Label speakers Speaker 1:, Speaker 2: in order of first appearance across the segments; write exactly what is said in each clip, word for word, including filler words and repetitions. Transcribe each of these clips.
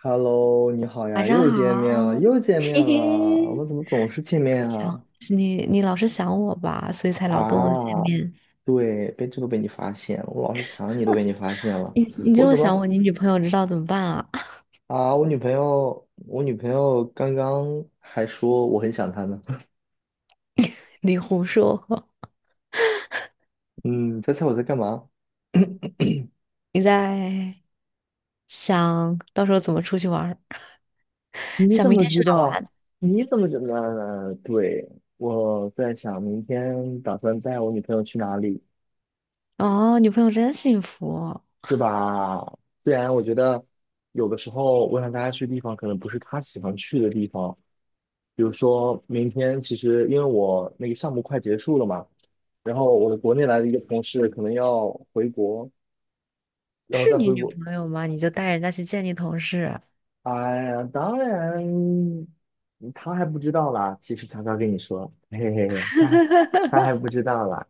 Speaker 1: Hello，你好
Speaker 2: 晚
Speaker 1: 呀，
Speaker 2: 上
Speaker 1: 又见面了，
Speaker 2: 好，
Speaker 1: 又见 面
Speaker 2: 嘿
Speaker 1: 了，我
Speaker 2: 嘿，
Speaker 1: 们怎么总是见面
Speaker 2: 想
Speaker 1: 啊？
Speaker 2: 你，你老是想我吧，所以才老跟我见
Speaker 1: 啊，
Speaker 2: 面。
Speaker 1: 对，被这都被你发现了，我老是想你都被你发现了，
Speaker 2: 你你这
Speaker 1: 我
Speaker 2: 么
Speaker 1: 怎
Speaker 2: 想
Speaker 1: 么
Speaker 2: 我，你女朋友知道怎么办啊？
Speaker 1: 啊？我女朋友，我女朋友刚刚还说我很想她呢。
Speaker 2: 你胡说，
Speaker 1: 嗯，猜猜我在干嘛？
Speaker 2: 你在想到时候怎么出去玩儿，
Speaker 1: 你
Speaker 2: 想
Speaker 1: 怎
Speaker 2: 明
Speaker 1: 么
Speaker 2: 天
Speaker 1: 知
Speaker 2: 去哪儿
Speaker 1: 道？
Speaker 2: 玩？
Speaker 1: 你怎么知道呢？对，我在想明天打算带我女朋友去哪里。
Speaker 2: 哦，女朋友真幸福，
Speaker 1: 是吧？虽然我觉得有的时候我想大家去的地方可能不是他喜欢去的地方，比如说明天其实因为我那个项目快结束了嘛，然后我的国内来的一个同事可能要回国，然后
Speaker 2: 是
Speaker 1: 再
Speaker 2: 你
Speaker 1: 回
Speaker 2: 女
Speaker 1: 国，
Speaker 2: 朋友吗？你就带人家去见你同事，
Speaker 1: 哎呀，当然他还不知道啦，其实悄悄跟你说，嘿嘿嘿，他他还 不知道啦，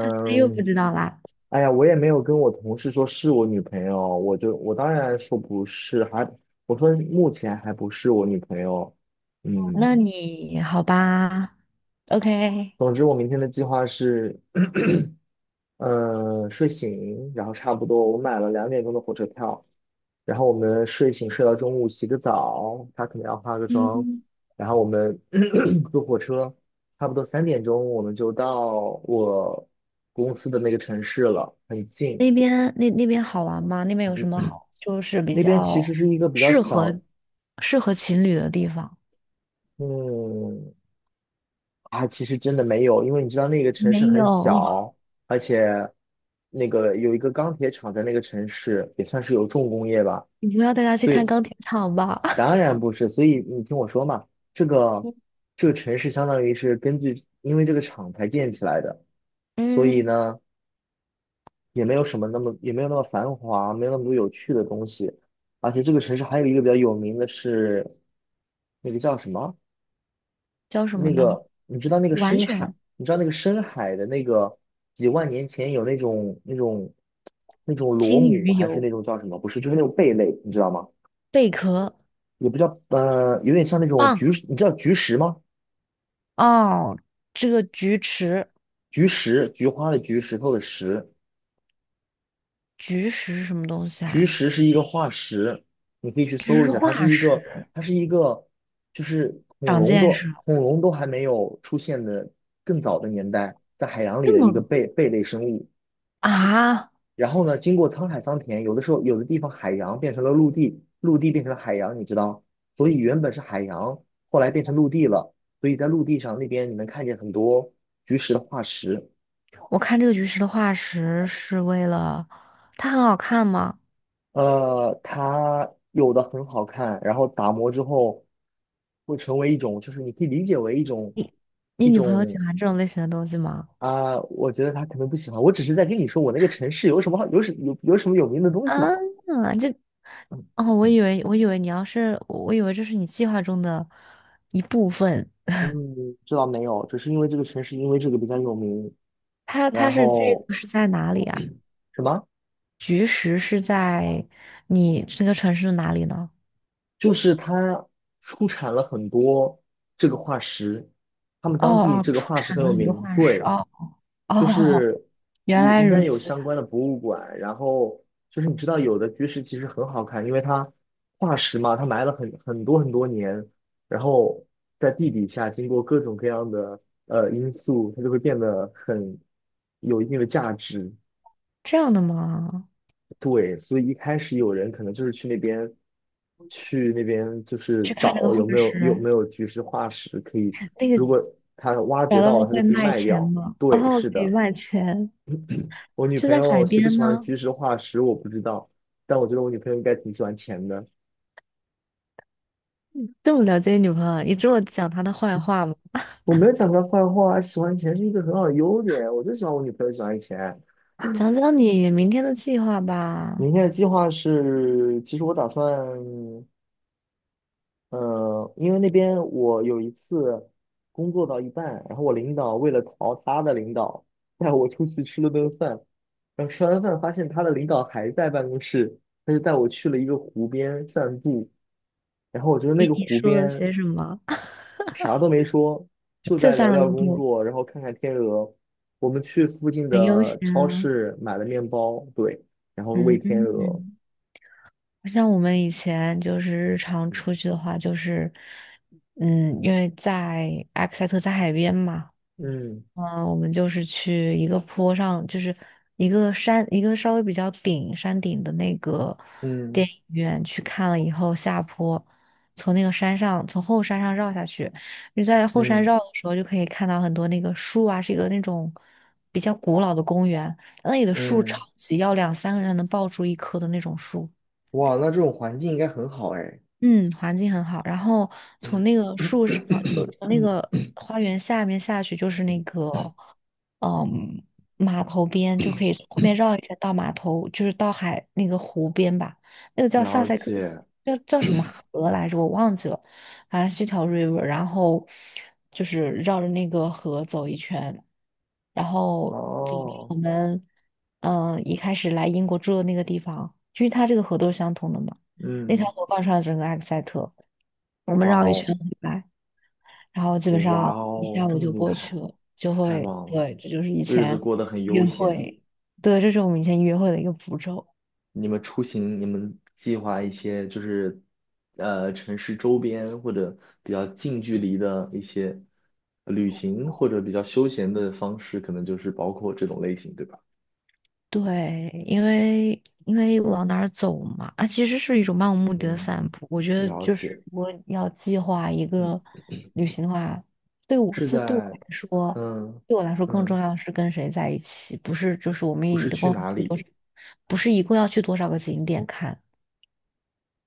Speaker 2: 她又不知道啦。
Speaker 1: 哎呀，我也没有跟我同事说是我女朋友，我就我当然说不是，还我说目前还不是我女朋友。
Speaker 2: 那
Speaker 1: 嗯，
Speaker 2: 你好吧，OK,
Speaker 1: 总之我明天的计划是，呃，睡醒，然后差不多我买了两点钟的火车票，然后我们睡醒睡到中午洗个澡，她可能要化个妆，
Speaker 2: 嗯，
Speaker 1: 然后我们 坐火车，差不多三点钟我们就到我公司的那个城市了，很近。
Speaker 2: 那边那那边好玩吗？那边有什么
Speaker 1: 嗯
Speaker 2: 好，就是比
Speaker 1: 那边其实
Speaker 2: 较
Speaker 1: 是一个比较
Speaker 2: 适合
Speaker 1: 小，
Speaker 2: 适合情侣的地方？
Speaker 1: 嗯，啊，其实真的没有，因为你知道那个城市
Speaker 2: 没有，
Speaker 1: 很小，而且那个有一个钢铁厂在那个城市，也算是有重工业吧，
Speaker 2: 你不要带他去
Speaker 1: 所
Speaker 2: 看
Speaker 1: 以
Speaker 2: 钢铁厂吧？
Speaker 1: 当然不是，所以你听我说嘛，这个 这个城市相当于是根据因为这个厂才建起来的，所以
Speaker 2: 嗯，
Speaker 1: 呢也没有什么那么也没有那么繁华，没有那么多有趣的东西，而且这个城市还有一个比较有名的是那个叫什么？
Speaker 2: 叫什么
Speaker 1: 那
Speaker 2: 呢？
Speaker 1: 个，你知道那个
Speaker 2: 完
Speaker 1: 深海，
Speaker 2: 全
Speaker 1: 你知道那个深海的那个几万年前有那种那种那种螺
Speaker 2: 金
Speaker 1: 母，
Speaker 2: 鱼
Speaker 1: 还是那
Speaker 2: 油
Speaker 1: 种叫什么？不是，就是那种贝类，你知道吗？
Speaker 2: 贝壳
Speaker 1: 也不叫，呃，有点像那种菊
Speaker 2: 棒，
Speaker 1: 石你知道菊石吗？
Speaker 2: 哦，这个菊池
Speaker 1: 菊石，菊花的菊，石头的石，
Speaker 2: 菊石是什么东西
Speaker 1: 菊
Speaker 2: 啊？
Speaker 1: 石是一个化石，你可以去
Speaker 2: 这
Speaker 1: 搜一
Speaker 2: 是
Speaker 1: 下，它是
Speaker 2: 化
Speaker 1: 一个，
Speaker 2: 石，
Speaker 1: 它是一个，就是恐
Speaker 2: 长
Speaker 1: 龙
Speaker 2: 见识
Speaker 1: 都
Speaker 2: 了。
Speaker 1: 恐龙都还没有出现的更早的年代，在海洋里
Speaker 2: 这
Speaker 1: 的一个
Speaker 2: 么
Speaker 1: 贝贝类生物。
Speaker 2: 啊！
Speaker 1: 然后呢，经过沧海桑田，有的时候有的地方海洋变成了陆地，陆地变成了海洋，你知道，所以原本是海洋，后来变成陆地了，所以在陆地上那边你能看见很多菊石的化石，
Speaker 2: 我看这个菊石的化石是为了它很好看吗？
Speaker 1: 呃，它有的很好看，然后打磨之后会成为一种，就是你可以理解为一种
Speaker 2: 你你
Speaker 1: 一
Speaker 2: 女朋友喜
Speaker 1: 种
Speaker 2: 欢这种类型的东西吗？
Speaker 1: 啊、我觉得他可能不喜欢，我只是在跟你说我那个城市有什么好有什有有什么有名的东西嘛。
Speaker 2: 啊，这
Speaker 1: 嗯
Speaker 2: 哦，我以为我以为你要是，我以为这是你计划中的一部分。
Speaker 1: 嗯，知道没有，只是因为这个城市因为这个比较有名，
Speaker 2: 它它
Speaker 1: 然
Speaker 2: 是这
Speaker 1: 后
Speaker 2: 个是在哪里啊？
Speaker 1: 什么，
Speaker 2: 菊石是在你这个城市的哪里呢？
Speaker 1: 就是它出产了很多这个化石，他们
Speaker 2: 哦
Speaker 1: 当地
Speaker 2: 哦，
Speaker 1: 这个
Speaker 2: 出
Speaker 1: 化石
Speaker 2: 产
Speaker 1: 很
Speaker 2: 了
Speaker 1: 有
Speaker 2: 很多
Speaker 1: 名，
Speaker 2: 化石。
Speaker 1: 对，
Speaker 2: 哦
Speaker 1: 就
Speaker 2: 哦，
Speaker 1: 是
Speaker 2: 原
Speaker 1: 有
Speaker 2: 来
Speaker 1: 应该
Speaker 2: 如
Speaker 1: 有
Speaker 2: 此，
Speaker 1: 相关的博物馆，然后就是你知道有的巨石其实很好看，因为它化石嘛，它埋了很很多很多年，然后在地底下经过各种各样的呃因素，它就会变得很有一定的价值。
Speaker 2: 这样的吗？
Speaker 1: 对，所以一开始有人可能就是去那边，去那边就是
Speaker 2: 去看那个
Speaker 1: 找
Speaker 2: 化
Speaker 1: 有没有有
Speaker 2: 石，
Speaker 1: 没有菊石化石可以，
Speaker 2: 那个
Speaker 1: 如果他挖掘
Speaker 2: 找到
Speaker 1: 到
Speaker 2: 了
Speaker 1: 了，他就
Speaker 2: 会
Speaker 1: 可以
Speaker 2: 卖
Speaker 1: 卖
Speaker 2: 钱
Speaker 1: 掉。
Speaker 2: 吗？
Speaker 1: 对，
Speaker 2: 哦，
Speaker 1: 是
Speaker 2: 可以
Speaker 1: 的，
Speaker 2: 卖钱，
Speaker 1: 我女
Speaker 2: 就
Speaker 1: 朋
Speaker 2: 在
Speaker 1: 友
Speaker 2: 海
Speaker 1: 喜不
Speaker 2: 边
Speaker 1: 喜欢
Speaker 2: 吗？
Speaker 1: 菊石化石我不知道，但我觉得我女朋友应该挺喜欢钱的。
Speaker 2: 这么了解女朋友，你这么讲她的坏话吗？
Speaker 1: 我没有讲她坏话，喜欢钱是一个很好的优点，我就喜欢我女朋友喜欢钱。
Speaker 2: 讲讲你明天的计划吧。
Speaker 1: 明天的计划是，其实我打算呃，因为那边我有一次工作到一半，然后我领导为了逃他的领导，带我出去吃了顿饭，然后吃完饭发现他的领导还在办公室，他就带我去了一个湖边散步，然后我觉得
Speaker 2: 给
Speaker 1: 那个
Speaker 2: 你
Speaker 1: 湖
Speaker 2: 说了
Speaker 1: 边
Speaker 2: 些什么？
Speaker 1: 啥都没说，就
Speaker 2: 就
Speaker 1: 在聊
Speaker 2: 散了个
Speaker 1: 聊工
Speaker 2: 步，
Speaker 1: 作，然后看看天鹅。我们去附近
Speaker 2: 很悠闲
Speaker 1: 的超
Speaker 2: 啊。
Speaker 1: 市买了面包，对，然后喂
Speaker 2: 嗯
Speaker 1: 天鹅。
Speaker 2: 嗯，不像我们以前就是日常
Speaker 1: 嗯
Speaker 2: 出去的话，就是，嗯，因为在埃克塞特在海边嘛，
Speaker 1: 嗯
Speaker 2: 嗯，我们就是去一个坡上，就是一个山，一个稍微比较顶山顶的那个
Speaker 1: 嗯
Speaker 2: 电影院去看了以后，下坡从那个山上，从后山上绕下去。你在后山
Speaker 1: 嗯
Speaker 2: 绕的时候，就可以看到很多那个树啊，是一个那种比较古老的公园，那里的
Speaker 1: 嗯
Speaker 2: 树
Speaker 1: 嗯
Speaker 2: 超
Speaker 1: 嗯
Speaker 2: 级要两三个人才能抱住一棵的那种树。
Speaker 1: 哇，那这种环境应该很好哎。
Speaker 2: 嗯，环境很好。然后从
Speaker 1: 嗯
Speaker 2: 那个树上，就 从那
Speaker 1: 嗯
Speaker 2: 个花园下面下去，就是那个，嗯，码头边，就可以后面绕一圈到码头，就是到海那个湖边吧。那个叫萨
Speaker 1: 了
Speaker 2: 塞克斯，
Speaker 1: 解。
Speaker 2: 叫叫什么河来着？我忘记了，反正是一条 river。然后就是绕着那个河走一圈，然后走到
Speaker 1: 哦，
Speaker 2: 我们嗯一开始来英国住的那个地方，就是它这个河都是相通的嘛。那条
Speaker 1: 嗯，
Speaker 2: 河贯穿了整个埃克塞特，我们
Speaker 1: 哇
Speaker 2: 绕一
Speaker 1: 哦，
Speaker 2: 圈回来，然后基本
Speaker 1: 哇
Speaker 2: 上一
Speaker 1: 哦，
Speaker 2: 下
Speaker 1: 这
Speaker 2: 午
Speaker 1: 么
Speaker 2: 就
Speaker 1: 厉
Speaker 2: 过去
Speaker 1: 害，
Speaker 2: 了，就
Speaker 1: 太
Speaker 2: 会，
Speaker 1: 棒了，
Speaker 2: 对，这就是以
Speaker 1: 日子
Speaker 2: 前
Speaker 1: 过得很
Speaker 2: 约
Speaker 1: 悠闲。
Speaker 2: 会，对，这是我们以前约会的一个步骤。
Speaker 1: 你们出行，你们计划一些就是，呃，城市周边或者比较近距离的一些旅行，或者比较休闲的方式，可能就是包括这种类型，对吧？
Speaker 2: 对，因为因为往哪儿走嘛，啊，其实是一种漫无目的的
Speaker 1: 嗯，
Speaker 2: 散步。我觉得
Speaker 1: 了
Speaker 2: 就是
Speaker 1: 解。
Speaker 2: 如果要计划一
Speaker 1: 嗯，
Speaker 2: 个旅行的话，对我
Speaker 1: 是
Speaker 2: 次对我
Speaker 1: 在
Speaker 2: 来说，
Speaker 1: 嗯
Speaker 2: 对我来说更重
Speaker 1: 嗯。
Speaker 2: 要的是跟谁在一起，不是就是我们
Speaker 1: 不
Speaker 2: 一
Speaker 1: 是去
Speaker 2: 共要
Speaker 1: 哪
Speaker 2: 去多
Speaker 1: 里，
Speaker 2: 少，不是一共要去多少个景点看。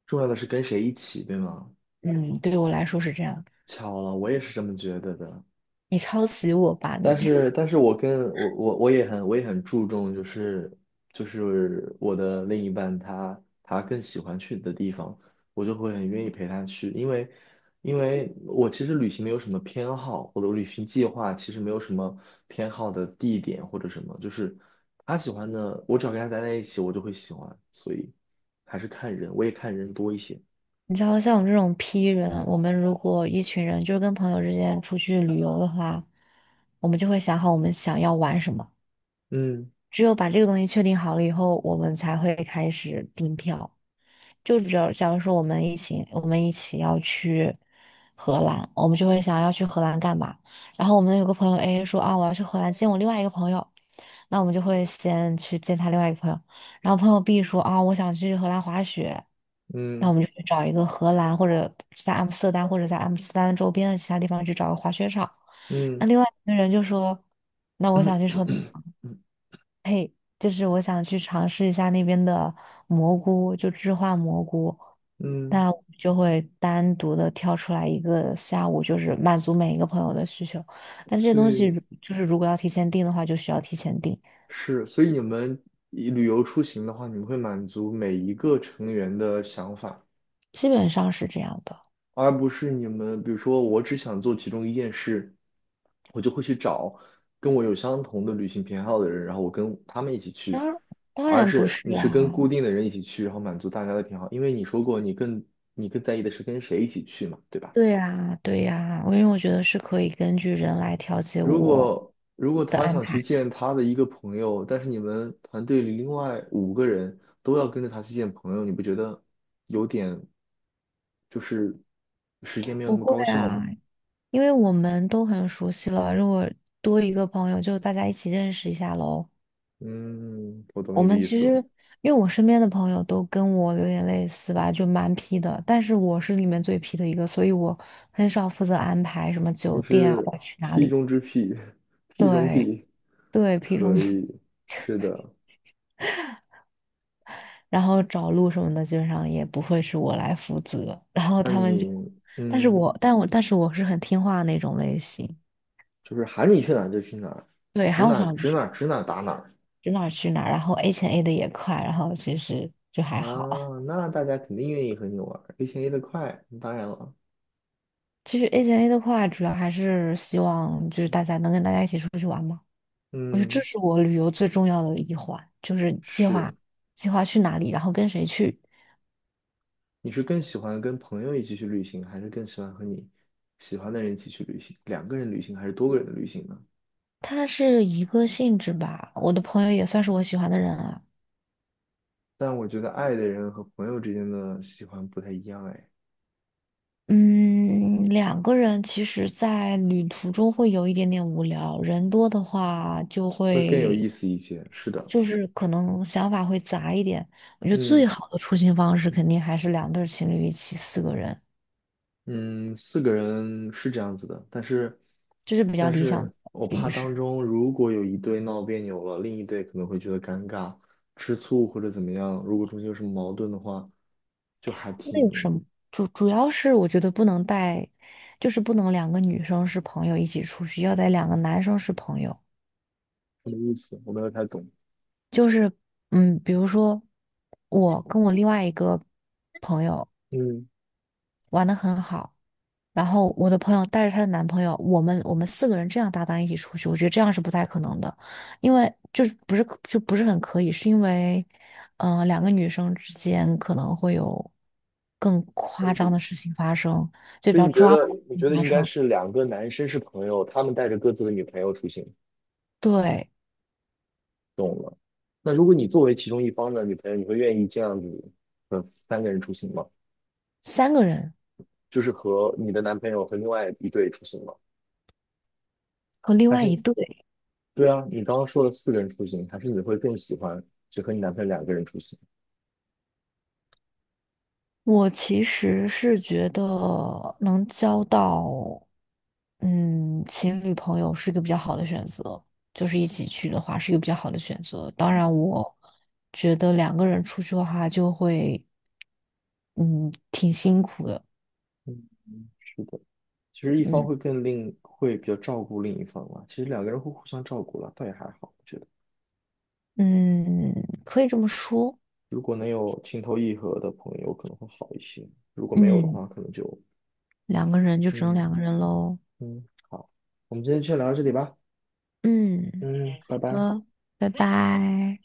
Speaker 1: 重要的是跟谁一起，对吗？
Speaker 2: 嗯，对我来说是这样。
Speaker 1: 巧了，我也是这么觉得的。
Speaker 2: 你抄袭我吧
Speaker 1: 但
Speaker 2: 你，
Speaker 1: 是，但是我跟我我我也很我也很注重，就是就是我的另一半他他更喜欢去的地方，我就会很愿意陪他去，因为因为我其实旅行没有什么偏好，我的旅行计划其实没有什么偏好的地点或者什么，就是他喜欢的，我只要跟他待在一起，我就会喜欢，所以还是看人，我也看人多一些。
Speaker 2: 你知道像我们这种 P 人，我们如果一群人就是跟朋友之间出去旅游的话，我们就会想好我们想要玩什么，
Speaker 1: 嗯
Speaker 2: 只有把这个东西确定好了以后，我们才会开始订票。就只要假如说我们一起，我们一起要去荷兰，我们就会想要去荷兰干嘛？然后我们有个朋友 A 说啊，我要去荷兰见我另外一个朋友，那我们就会先去见他另外一个朋友。然后朋友 B 说啊，我想去荷兰滑雪，那我
Speaker 1: 嗯。
Speaker 2: 们就去找一个荷兰或者在阿姆斯特丹或者在阿姆斯特丹周边的其他地方去找个滑雪场。那
Speaker 1: 嗯
Speaker 2: 另外一个人就说，那我
Speaker 1: 嗯
Speaker 2: 想去车。就是我想去尝试一下那边的蘑菇，就置换蘑菇，
Speaker 1: 嗯，
Speaker 2: 那我就会单独的挑出来一个下午，就是满足每一个朋友的需求。但这些
Speaker 1: 所
Speaker 2: 东西
Speaker 1: 以
Speaker 2: 如就是如果要提前订的话，就需要提前订，
Speaker 1: 是，所以你们以旅游出行的话，你们会满足每一个成员的想法，
Speaker 2: 基本上是这样的。
Speaker 1: 而不是你们，比如说我只想做其中一件事，我就会去找跟我有相同的旅行偏好的人，然后我跟他们一起去，
Speaker 2: 当当
Speaker 1: 而
Speaker 2: 然不
Speaker 1: 是
Speaker 2: 是
Speaker 1: 你是跟
Speaker 2: 啦，
Speaker 1: 固定的人一起去，然后满足大家的偏好，因为你说过你更你更在意的是跟谁一起去嘛，对吧？
Speaker 2: 对呀，对呀，我因为我觉得是可以根据人来调节
Speaker 1: 如
Speaker 2: 我
Speaker 1: 果如果
Speaker 2: 的
Speaker 1: 他
Speaker 2: 安
Speaker 1: 想去
Speaker 2: 排。
Speaker 1: 见他的一个朋友，但是你们团队里另外五个人都要跟着他去见朋友，你不觉得有点就是时间没有那
Speaker 2: 不
Speaker 1: 么
Speaker 2: 会
Speaker 1: 高效吗？
Speaker 2: 啊，因为我们都很熟悉了，如果多一个朋友，就大家一起认识一下喽。
Speaker 1: 嗯，我懂
Speaker 2: 我
Speaker 1: 你的
Speaker 2: 们
Speaker 1: 意
Speaker 2: 其
Speaker 1: 思了，
Speaker 2: 实，因为我身边的朋友都跟我有点类似吧，就蛮皮的，但是我是里面最皮的一个，所以我很少负责安排什么
Speaker 1: 你
Speaker 2: 酒店啊，
Speaker 1: 是
Speaker 2: 要去哪
Speaker 1: P
Speaker 2: 里。
Speaker 1: 中之 P，P 中
Speaker 2: 对
Speaker 1: P,
Speaker 2: 对，皮中，
Speaker 1: 可以，是的。
Speaker 2: 然后找路什么的，基本上也不会是我来负责。然后
Speaker 1: 那
Speaker 2: 他们就，
Speaker 1: 你
Speaker 2: 但是
Speaker 1: 嗯，
Speaker 2: 我，但我，但是我是很听话的那种类型。
Speaker 1: 就是喊你去哪儿就去哪儿
Speaker 2: 对，
Speaker 1: 指
Speaker 2: 喊我
Speaker 1: 哪儿
Speaker 2: 想
Speaker 1: 指哪儿指哪儿打哪儿
Speaker 2: 去哪儿去哪儿，然后 A 钱 A 的也快，然后其实就还
Speaker 1: 啊？
Speaker 2: 好。
Speaker 1: 那大家肯定愿意和你玩儿，而且也得快，当然了。
Speaker 2: 其实 A 钱 A 的快，主要还是希望就是大家能跟大家一起出去玩嘛。我觉得这
Speaker 1: 嗯，
Speaker 2: 是我旅游最重要的一环，就是计划
Speaker 1: 是，
Speaker 2: 计划去哪里，然后跟谁去。
Speaker 1: 你是更喜欢跟朋友一起去旅行，还是更喜欢和你喜欢的人一起去旅行？两个人旅行还是多个人的旅行呢？
Speaker 2: 它是一个性质吧，我的朋友也算是我喜欢的人啊。
Speaker 1: 但我觉得爱的人和朋友之间的喜欢不太一样，哎，
Speaker 2: 嗯，两个人其实，在旅途中会有一点点无聊，人多的话就
Speaker 1: 会更有
Speaker 2: 会，
Speaker 1: 意思一些。是的，
Speaker 2: 就是可能想法会杂一点。我觉得最
Speaker 1: 嗯
Speaker 2: 好的出行方式肯定还是两对儿情侣一起，四个人，
Speaker 1: 嗯，四个人是这样子的，但是
Speaker 2: 这是比较
Speaker 1: 但
Speaker 2: 理想的
Speaker 1: 是我怕
Speaker 2: 形
Speaker 1: 当
Speaker 2: 式。
Speaker 1: 中如果有一对闹别扭了，另一对可能会觉得尴尬、吃醋或者怎么样，如果中间有什么矛盾的话，就还
Speaker 2: 那有什
Speaker 1: 挺
Speaker 2: 么？主主要是我觉得不能带，就是不能两个女生是朋友一起出去，要得两个男生是朋友。
Speaker 1: 没意思，我没有太懂。
Speaker 2: 就是嗯，比如说我跟我另外一个朋友，
Speaker 1: 嗯，
Speaker 2: 玩的很好。然后我的朋友带着她的男朋友，我们我们四个人这样搭档一起出去，我觉得这样是不太可能的，因为就是不是就不是很可以，是因为，嗯、两个女生之间可能会有更夸
Speaker 1: 真
Speaker 2: 张的
Speaker 1: 比
Speaker 2: 事情发生，就比
Speaker 1: 所以
Speaker 2: 较
Speaker 1: 你觉
Speaker 2: 抓马
Speaker 1: 得，
Speaker 2: 的
Speaker 1: 你
Speaker 2: 事
Speaker 1: 觉得
Speaker 2: 情发
Speaker 1: 应该
Speaker 2: 生
Speaker 1: 是两个男生是朋友，他们带着各自的女朋友出行，
Speaker 2: 对，
Speaker 1: 懂了。那如果你作为其中一方的女朋友，你会愿意这样子，呃，三个人出行吗？
Speaker 2: 三个人
Speaker 1: 就是和你的男朋友和另外一对出行吗？
Speaker 2: 和另
Speaker 1: 还
Speaker 2: 外一
Speaker 1: 是，
Speaker 2: 对。
Speaker 1: 对啊，你刚刚说了四个人出行，还是你会更喜欢只和你男朋友两个人出行？
Speaker 2: 我其实是觉得能交到，嗯，情侣朋友是一个比较好的选择，就是一起去的话是一个比较好的选择。当然，我觉得两个人出去的话就会，嗯，挺辛苦的，
Speaker 1: 嗯，是的，其实一方
Speaker 2: 嗯
Speaker 1: 会更另，会比较照顾另一方嘛。其实两个人会互相照顾了，倒也还好。我觉得。
Speaker 2: 嗯，可以这么说，
Speaker 1: 如果能有情投意合的朋友，可能会好一些；如果没有的话，
Speaker 2: 嗯，
Speaker 1: 可能就
Speaker 2: 两个人就只能两
Speaker 1: 嗯
Speaker 2: 个人喽，
Speaker 1: 嗯好。我们今天就先聊到这里吧。
Speaker 2: 嗯，
Speaker 1: 嗯，拜
Speaker 2: 好
Speaker 1: 拜。
Speaker 2: 的，拜拜。